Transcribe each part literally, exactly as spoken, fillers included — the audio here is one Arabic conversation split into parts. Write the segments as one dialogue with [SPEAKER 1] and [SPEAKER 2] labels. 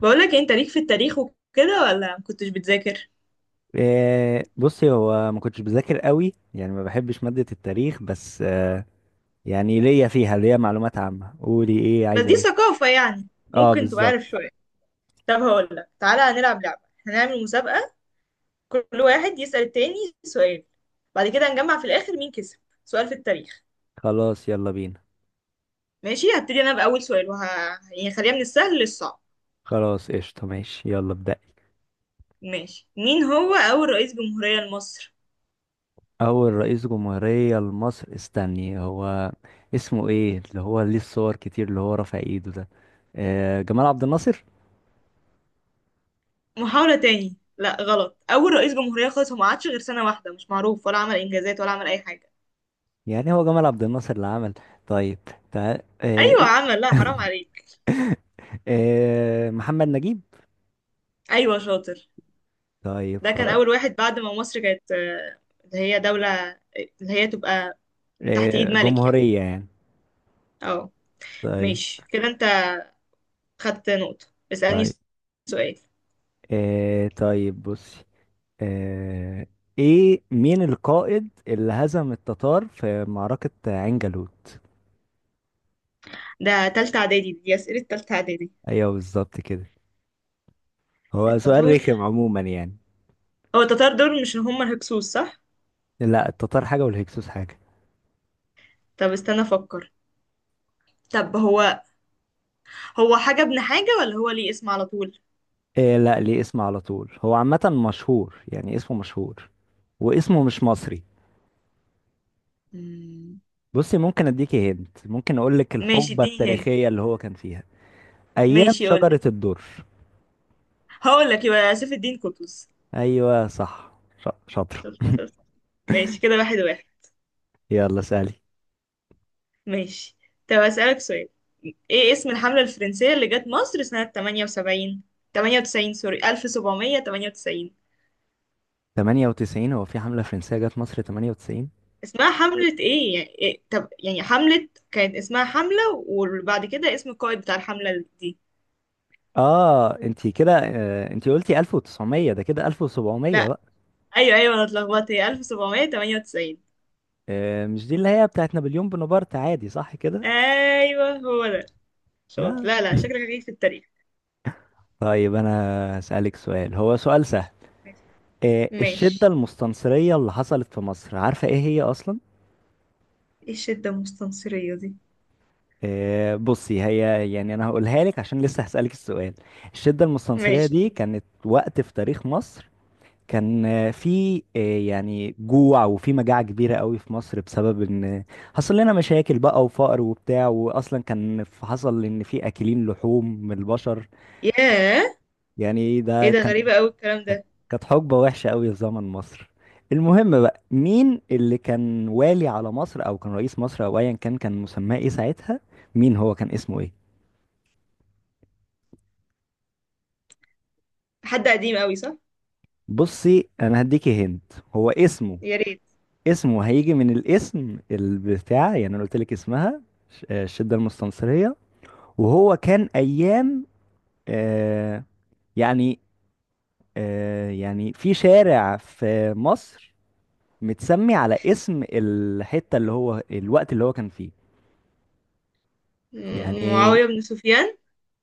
[SPEAKER 1] بقولك إيه، انت ليك في التاريخ وكده ولا مكنتش بتذاكر؟
[SPEAKER 2] آه، بصي، هو ما كنتش بذاكر قوي، يعني ما بحبش مادة التاريخ بس، آه، يعني ليا فيها ليا معلومات عامة. قولي ايه،
[SPEAKER 1] بس
[SPEAKER 2] عايزة
[SPEAKER 1] دي
[SPEAKER 2] ايه؟
[SPEAKER 1] ثقافة يعني.
[SPEAKER 2] اه،
[SPEAKER 1] ممكن تبقى
[SPEAKER 2] بالظبط.
[SPEAKER 1] عارف شوية. طب هقولك، تعالى هنلعب لعبة. هنعمل مسابقة. كل واحد يسأل التاني سؤال. بعد كده هنجمع في الآخر مين كسب. سؤال في التاريخ.
[SPEAKER 2] خلاص يلا بينا.
[SPEAKER 1] ماشي، هبتدي أنا بأول سؤال وه... يعني خليها من السهل للصعب.
[SPEAKER 2] خلاص قشطة، ماشي يلا ابدأ.
[SPEAKER 1] ماشي، مين هو أول رئيس جمهورية لمصر؟
[SPEAKER 2] اول رئيس جمهورية لمصر؟ استني، هو اسمه ايه اللي هو ليه الصور كتير، اللي هو رافع ايده ده؟ آه، جمال عبد الناصر.
[SPEAKER 1] محاولة تاني. لا غلط. أول رئيس جمهورية خالص، هو ما عادش غير سنة واحدة، مش معروف ولا عمل إنجازات ولا عمل أي حاجة.
[SPEAKER 2] يعني هو جمال عبد الناصر اللي عمل؟ طيب، تعال آه،
[SPEAKER 1] أيوة عمل، لا حرام عليك.
[SPEAKER 2] آه، محمد نجيب.
[SPEAKER 1] أيوة شاطر.
[SPEAKER 2] طيب
[SPEAKER 1] ده كان
[SPEAKER 2] خلاص.
[SPEAKER 1] أول واحد بعد ما مصر كانت آه، اللي هي دولة، اللي هي تبقى تحت إيد
[SPEAKER 2] إيه،
[SPEAKER 1] ملك يعني.
[SPEAKER 2] جمهورية يعني.
[SPEAKER 1] اه.
[SPEAKER 2] طيب.
[SPEAKER 1] ماشي كده، أنت خدت نقطة. اسألني
[SPEAKER 2] طيب
[SPEAKER 1] سؤال.
[SPEAKER 2] إيه، طيب بصي. إيه, ايه مين القائد اللي هزم التتار في معركة عين جالوت؟
[SPEAKER 1] ده تالتة إعدادي، دي أسئلة تالتة إعدادي.
[SPEAKER 2] ايوه بالظبط كده، هو سؤال
[SPEAKER 1] التتار،
[SPEAKER 2] رخم عموما يعني.
[SPEAKER 1] هو التتار دول مش هم الهكسوس صح؟
[SPEAKER 2] لا، التتار حاجة والهكسوس حاجة.
[SPEAKER 1] طب استنى أفكر. طب هو، هو حاجة ابن حاجة ولا هو ليه اسم على طول؟
[SPEAKER 2] إيه، لا ليه اسم على طول، هو عامة مشهور، يعني اسمه مشهور، واسمه مش مصري.
[SPEAKER 1] مم.
[SPEAKER 2] بصي، ممكن اديكي هنت، ممكن اقول لك
[SPEAKER 1] ماشي
[SPEAKER 2] الحقبة
[SPEAKER 1] اديني هند.
[SPEAKER 2] التاريخية اللي هو كان فيها. ايام
[SPEAKER 1] ماشي
[SPEAKER 2] شجرة
[SPEAKER 1] قولي.
[SPEAKER 2] الدر.
[SPEAKER 1] هقول لك يبقى سيف الدين قطز.
[SPEAKER 2] ايوه صح، ش- شاطر.
[SPEAKER 1] شفت شفت. ماشي كده، واحد واحد.
[SPEAKER 2] يلا سألي.
[SPEAKER 1] ماشي. طب أسألك سؤال. ايه اسم الحملة الفرنسية اللي جت مصر سنة تمانية وسبعين، تمانية وتسعين سوري ألف وسبعمية وتمانية وتسعين.
[SPEAKER 2] تمانية وتسعين؟ هو في حملة فرنسية جت مصر ثمانية وتسعين؟
[SPEAKER 1] اسمها حملة ايه يعني إيه؟ طب يعني حملة كانت اسمها حملة، وبعد كده اسم القائد بتاع الحملة دي.
[SPEAKER 2] اه انتي كده، آه، انتي قلتي ألف وتسعميه، ده كده ألف وسبعميه
[SPEAKER 1] لا.
[SPEAKER 2] بقى.
[SPEAKER 1] ايوه ايوه انا اتلخبطت، هي ألف وسبعمية وتمانية وتسعين.
[SPEAKER 2] آه، مش دي اللي هي بتاعت نابليون بونابرت عادي، صح كده؟
[SPEAKER 1] ايوه هو ده. شاطر.
[SPEAKER 2] لا.
[SPEAKER 1] لا لا شكلك هجيك في التاريخ.
[SPEAKER 2] طيب انا هسألك سؤال، هو سؤال سهل.
[SPEAKER 1] ماشي.
[SPEAKER 2] آه، الشدة
[SPEAKER 1] ماشي.
[SPEAKER 2] المستنصرية اللي حصلت في مصر، عارفة ايه هي اصلا؟
[SPEAKER 1] ايه الشدة المستنصرية دي؟
[SPEAKER 2] آه، بصي، هي يعني انا هقولها لك عشان لسه هسألك السؤال. الشدة المستنصرية
[SPEAKER 1] ماشي.
[SPEAKER 2] دي كانت وقت في تاريخ مصر. كان آه، في آه، يعني جوع وفي مجاعة كبيرة قوي في مصر بسبب ان حصل لنا مشاكل بقى وفقر وبتاع، واصلا كان ف- حصل ان في اكلين لحوم من البشر.
[SPEAKER 1] ياه.
[SPEAKER 2] يعني
[SPEAKER 1] ايه
[SPEAKER 2] ده
[SPEAKER 1] ده،
[SPEAKER 2] كان،
[SPEAKER 1] غريبة قوي الكلام ده.
[SPEAKER 2] كانت حقبة وحشة قوي في زمن مصر. المهم بقى، مين اللي كان والي على مصر او كان رئيس مصر او ايا كان، كان مسماه ايه ساعتها؟ مين هو، كان اسمه ايه؟
[SPEAKER 1] حد قديم قوي صح؟
[SPEAKER 2] بصي انا هديكي هند. هو اسمه،
[SPEAKER 1] يا ريت.
[SPEAKER 2] اسمه هيجي من الاسم البتاع، يعني انا قلت لك اسمها ش- آه، الشده المستنصريه. وهو كان ايام آه، يعني، آه، يعني في شارع في مصر متسمي على اسم الحته اللي هو الوقت اللي هو كان فيه.
[SPEAKER 1] م-
[SPEAKER 2] يعني
[SPEAKER 1] معاوية بن سفيان.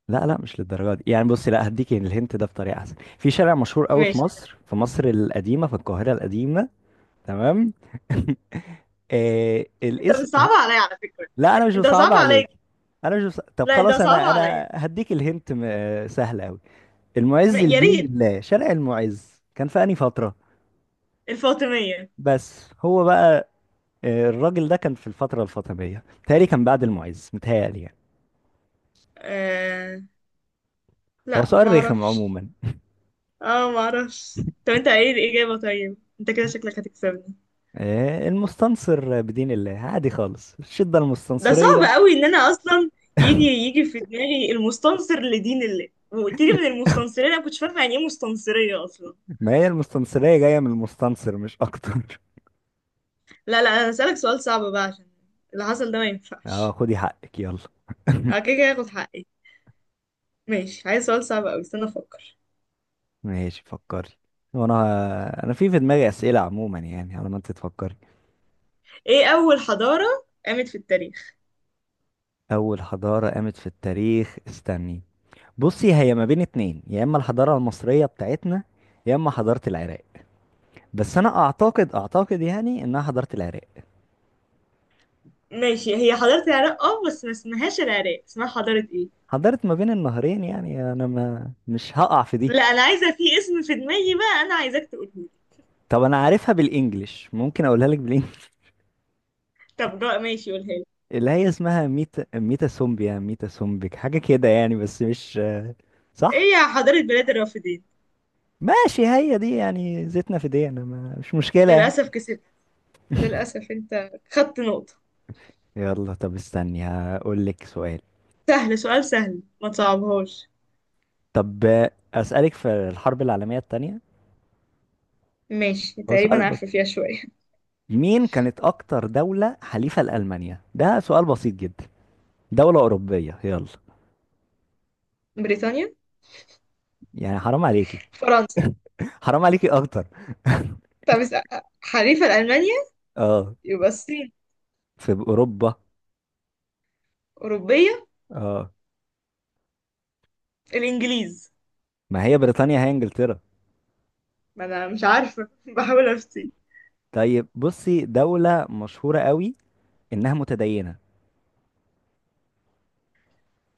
[SPEAKER 2] لا لا مش للدرجه دي يعني، بصي، لا هديك الهنت ده بطريقه احسن، في شارع مشهور قوي في
[SPEAKER 1] ماشي.
[SPEAKER 2] مصر، في مصر القديمه، في القاهره القديمه. تمام. آه
[SPEAKER 1] انت
[SPEAKER 2] الاسم.
[SPEAKER 1] بتصعب عليا على فكرة.
[SPEAKER 2] لا انا مش
[SPEAKER 1] انت
[SPEAKER 2] بصعب
[SPEAKER 1] صعب عليا.
[SPEAKER 2] عليك. انا مش بص... طب
[SPEAKER 1] لا انت
[SPEAKER 2] خلاص،
[SPEAKER 1] صعب
[SPEAKER 2] انا
[SPEAKER 1] عليا.
[SPEAKER 2] انا هديك الهنت م... آه، سهل قوي.
[SPEAKER 1] م-
[SPEAKER 2] المعز
[SPEAKER 1] يا
[SPEAKER 2] لدين
[SPEAKER 1] ريت.
[SPEAKER 2] الله، شارع المعز كان في انهي فتره؟
[SPEAKER 1] الفاطمية.
[SPEAKER 2] بس هو بقى آه، الراجل ده كان في الفتره الفاطميه متهيألي، كان بعد المعز متهيألي يعني.
[SPEAKER 1] آه...
[SPEAKER 2] هو
[SPEAKER 1] لا ما
[SPEAKER 2] سؤال رخم
[SPEAKER 1] اعرفش.
[SPEAKER 2] عموما.
[SPEAKER 1] اه ما اعرفش. طب انت ايه الإجابة؟ طيب انت كده شكلك هتكسبني.
[SPEAKER 2] آه، المستنصر بدين الله عادي خالص، الشده
[SPEAKER 1] ده صعب
[SPEAKER 2] المستنصريه.
[SPEAKER 1] قوي ان انا اصلا يجي يجي في دماغي المستنصر لدين الله، وقلت لي من المستنصرين، انا كنتش فاهمة يعني ايه مستنصرية اصلا.
[SPEAKER 2] ما هي المستنصريه جايه من المستنصر مش اكتر.
[SPEAKER 1] لا لا، انا هسألك سؤال صعب بقى عشان اللي حصل ده ما
[SPEAKER 2] اه
[SPEAKER 1] ينفعش.
[SPEAKER 2] خدي حقك يلا.
[SPEAKER 1] اه كده كده هاخد حقي. ماشي، عايز سؤال صعب قوي، استنى افكر.
[SPEAKER 2] ماشي فكري. وانا انا في في دماغي اسئله عموما يعني، على ما انت تفكري.
[SPEAKER 1] ايه اول حضارة قامت في التاريخ؟
[SPEAKER 2] أول حضارة قامت في التاريخ؟ استني، بصي هي ما بين اتنين، يا إما الحضارة المصرية بتاعتنا، يا إما حضارة العراق. بس أنا أعتقد أعتقد يعني إنها حضارة العراق.
[SPEAKER 1] ماشي، هي حضارة العراق اه بس ما اسمهاش العراق، اسمها حضارة ايه؟
[SPEAKER 2] حضارة ما بين النهرين يعني، أنا ما مش هقع في دي.
[SPEAKER 1] لا انا عايزة، في اسم في دماغي بقى، انا عايزاك تقولهولي.
[SPEAKER 2] طب أنا عارفها بالإنجلش، ممكن أقولها لك بالإنجلش.
[SPEAKER 1] طب جا ماشي قولها لي.
[SPEAKER 2] اللي هي اسمها ميتا ميتا سومبيا ميتا سومبك حاجة كده يعني، بس مش
[SPEAKER 1] ايه
[SPEAKER 2] صح.
[SPEAKER 1] يا حضارة بلاد الرافدين.
[SPEAKER 2] ماشي هي دي يعني، زيتنا في دي، أنا ما مش مشكلة يعني.
[SPEAKER 1] للأسف كسبت. للأسف انت خدت نقطة.
[SPEAKER 2] يلا طب استني، هقول لك سؤال.
[SPEAKER 1] سهل سؤال سهل، ما تصعبهاش.
[SPEAKER 2] طب آه، أسألك في الحرب العالمية التانية.
[SPEAKER 1] ماشي
[SPEAKER 2] هو سؤال
[SPEAKER 1] تقريبا
[SPEAKER 2] بس،
[SPEAKER 1] عارفة فيها شوية.
[SPEAKER 2] مين كانت أكتر دولة حليفة لألمانيا؟ ده سؤال بسيط جدا، دولة أوروبية يلا.
[SPEAKER 1] بريطانيا.
[SPEAKER 2] يعني حرام عليكي.
[SPEAKER 1] فرنسا.
[SPEAKER 2] حرام عليكي أكتر.
[SPEAKER 1] طب اس- حليفة لألمانيا
[SPEAKER 2] اه،
[SPEAKER 1] يبقى الصين.
[SPEAKER 2] في أوروبا.
[SPEAKER 1] أوروبية.
[SPEAKER 2] اه،
[SPEAKER 1] الإنجليز.
[SPEAKER 2] ما هي بريطانيا هي إنجلترا.
[SPEAKER 1] ما أنا مش عارفة. بحاول أفتي.
[SPEAKER 2] طيب بصي، دولة مشهورة قوي إنها متدينة.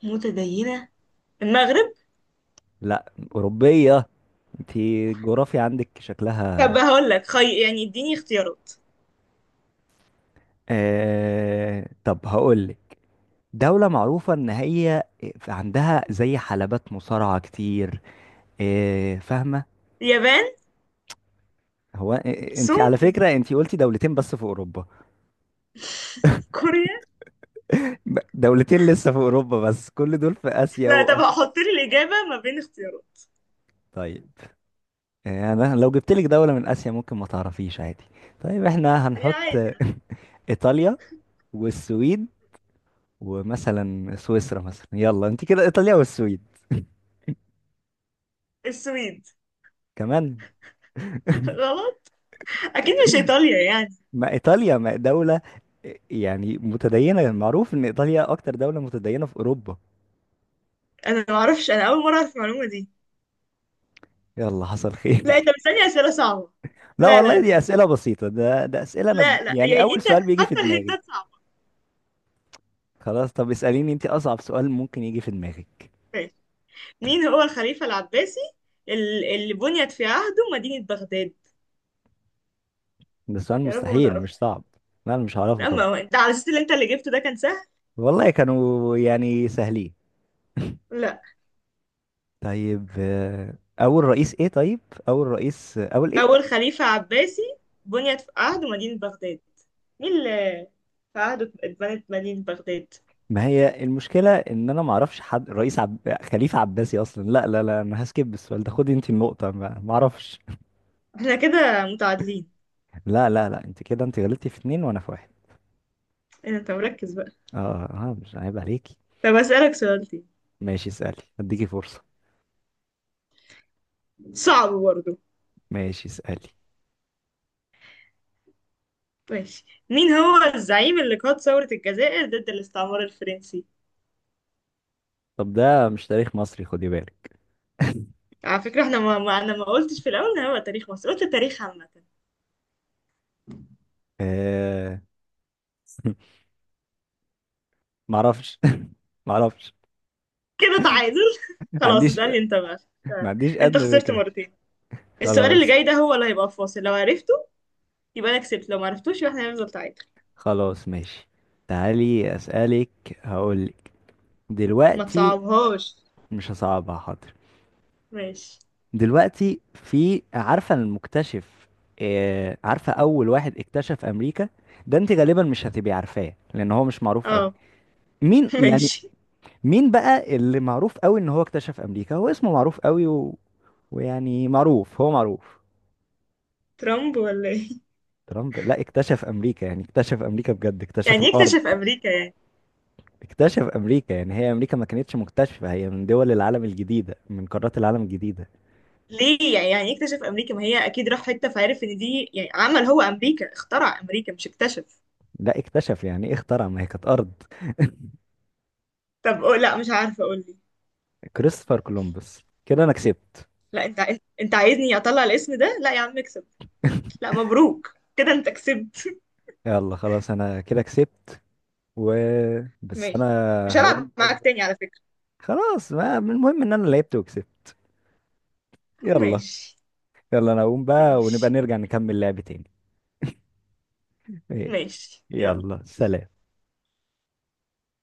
[SPEAKER 1] متدينة، المغرب.
[SPEAKER 2] لا، أوروبية. انتي الجغرافيا عندك
[SPEAKER 1] طب
[SPEAKER 2] شكلها.
[SPEAKER 1] هقول لك خي... يعني اديني اختيارات.
[SPEAKER 2] آه... طب هقولك، دولة معروفة إن هي عندها زي حلبات مصارعة كتير، إيه، فاهمة؟
[SPEAKER 1] اليابان.
[SPEAKER 2] هو آه، أنت على
[SPEAKER 1] سوريا.
[SPEAKER 2] فكرة أنت قلتي دولتين بس في أوروبا.
[SPEAKER 1] كوريا.
[SPEAKER 2] ب- دولتين لسه في أوروبا بس، كل دول في آسيا
[SPEAKER 1] لا، طب
[SPEAKER 2] وأفريقيا.
[SPEAKER 1] هحط لي الإجابة ما بين اختيارات.
[SPEAKER 2] طيب إيه، أنا لو جبت لك دولة من آسيا ممكن ما تعرفيش عادي. طيب إحنا هنحط
[SPEAKER 1] يعني.
[SPEAKER 2] إيطاليا والسويد ومثلا سويسرا مثلا، يلا أنت كده، إيطاليا والسويد
[SPEAKER 1] السويد.
[SPEAKER 2] كمان.
[SPEAKER 1] غلط. أكيد مش إيطاليا يعني.
[SPEAKER 2] ما ايطاليا ما دولة يعني متدينة، معروف ان ايطاليا اكتر دولة متدينة في اوروبا.
[SPEAKER 1] أنا ما أعرفش، أنا أول مرة أعرف المعلومة دي.
[SPEAKER 2] يلا حصل
[SPEAKER 1] لا أنت
[SPEAKER 2] خير.
[SPEAKER 1] بتسألني أسئلة صعبة.
[SPEAKER 2] لا
[SPEAKER 1] لا لا
[SPEAKER 2] والله دي
[SPEAKER 1] لا.
[SPEAKER 2] اسئلة بسيطة، ده ده اسئلة، انا ب-
[SPEAKER 1] لا لا
[SPEAKER 2] يعني
[SPEAKER 1] يعني
[SPEAKER 2] اول
[SPEAKER 1] أنت،
[SPEAKER 2] سؤال بيجي في
[SPEAKER 1] حتى
[SPEAKER 2] دماغي.
[SPEAKER 1] الهنتات صعبة.
[SPEAKER 2] خلاص طب اسأليني انت اصعب سؤال ممكن يجي في دماغك.
[SPEAKER 1] ماشي. مين هو الخليفة العباسي ال- اللي بنيت في عهده مدينة بغداد؟
[SPEAKER 2] ده سؤال
[SPEAKER 1] يا رب ما
[SPEAKER 2] مستحيل،
[SPEAKER 1] تعرفه.
[SPEAKER 2] مش صعب. لا انا مش هعرفه،
[SPEAKER 1] لا،
[SPEAKER 2] طب.
[SPEAKER 1] ما هو أنت على أساس اللي أنت اللي جبته ده كان سهل.
[SPEAKER 2] والله كانوا يعني سهلين.
[SPEAKER 1] لا.
[SPEAKER 2] طيب آه، اول رئيس ايه؟ طيب اول رئيس، اول ايه؟
[SPEAKER 1] أول خليفة عباسي بنيت في عهد مدينة بغداد. مين اللي في عهده اتبنت مدينة بغداد؟
[SPEAKER 2] ما هي المشكلة ان انا ما اعرفش حد رئيس عب... خليفة عباسي اصلا. لا لا لا انا هسكيب السؤال ده، خدي انت النقطة، ما ما اعرفش.
[SPEAKER 1] احنا كده متعادلين.
[SPEAKER 2] لا لا لا، انت كده، انت غلطتي في اتنين وانا في واحد.
[SPEAKER 1] إيه، ده، انت مركز بقى.
[SPEAKER 2] اه. اه مش عيب عليكي.
[SPEAKER 1] طب أسألك سؤال تاني.
[SPEAKER 2] ماشي اسألي، هديكي فرصة.
[SPEAKER 1] صعب برضه.
[SPEAKER 2] ماشي اسألي.
[SPEAKER 1] ماشي، مين هو الزعيم اللي قاد ثورة الجزائر ضد الاستعمار الفرنسي؟
[SPEAKER 2] طب ده مش تاريخ مصري، خدي بالك.
[SPEAKER 1] على فكرة احنا ما, ما أنا ما قلتش في الأول إن هو تاريخ مصر، قلت تاريخ عامة.
[SPEAKER 2] آه... ما اعرفش. ما اعرفش.
[SPEAKER 1] كده تعادل.
[SPEAKER 2] ما
[SPEAKER 1] خلاص
[SPEAKER 2] عنديش
[SPEAKER 1] اسألني انت بقى.
[SPEAKER 2] ما عنديش
[SPEAKER 1] انت
[SPEAKER 2] ادنى
[SPEAKER 1] خسرت
[SPEAKER 2] فكرة.
[SPEAKER 1] مرتين. السؤال اللي
[SPEAKER 2] خلاص.
[SPEAKER 1] جاي ده هو اللي هيبقى في فاصل، لو عرفته يبقى انا كسبت، لو ما عرفتوش يبقى احنا هنفضل تعادل.
[SPEAKER 2] خلاص ماشي، تعالي اسألك، هقولك
[SPEAKER 1] ما
[SPEAKER 2] دلوقتي.
[SPEAKER 1] تصعبهاش.
[SPEAKER 2] مش هصعبها حاضر.
[SPEAKER 1] ماشي.
[SPEAKER 2] دلوقتي، في عارفة المكتشف، آه، عارفة أول واحد اكتشف أمريكا؟ ده أنت غالبا مش هتبقي عارفاه، لأن هو مش معروف أوي.
[SPEAKER 1] اه.
[SPEAKER 2] مين يعني؟
[SPEAKER 1] ماشي.
[SPEAKER 2] مين بقى اللي معروف أوي إن هو اكتشف أمريكا؟ هو اسمه معروف أوي و... ويعني معروف، هو معروف.
[SPEAKER 1] ترامب ولا ايه؟
[SPEAKER 2] ترامب؟ لا، اكتشف أمريكا يعني اكتشف أمريكا بجد، اكتشف
[SPEAKER 1] يعني
[SPEAKER 2] الأرض.
[SPEAKER 1] يكتشف امريكا يعني؟
[SPEAKER 2] اكتشف أمريكا يعني، هي أمريكا ما كانتش مكتشفة، هي من دول العالم الجديدة، من قارات العالم الجديدة.
[SPEAKER 1] ليه يعني يعني يكتشف امريكا، ما هي اكيد راح حته فعرف ان دي، يعني عمل هو امريكا، اخترع امريكا مش اكتشف.
[SPEAKER 2] لا، اكتشف يعني ايه اخترع، ما هي كانت أرض.
[SPEAKER 1] طب قول لا مش عارفه اقول لي.
[SPEAKER 2] كريستوفر كولومبوس. كده أنا كسبت.
[SPEAKER 1] لا انت انت أنت عايزني اطلع الاسم ده. لا يا عم اكسب. لا مبروك، كده انت كسبت.
[SPEAKER 2] يلا خلاص، انا كده كسبت. و، بس انا
[SPEAKER 1] ماشي. مش هلعب
[SPEAKER 2] هقوم بقى
[SPEAKER 1] معاك
[SPEAKER 2] دلوقتي.
[SPEAKER 1] تاني على فكره.
[SPEAKER 2] خلاص، ما المهم ان انا لعبت وكسبت. يلا.
[SPEAKER 1] ماشي
[SPEAKER 2] يلا انا هقوم بقى، ونبقى
[SPEAKER 1] ماشي
[SPEAKER 2] نرجع نكمل لعب تاني. إيه،
[SPEAKER 1] ماشي يلا.
[SPEAKER 2] يلا سلام.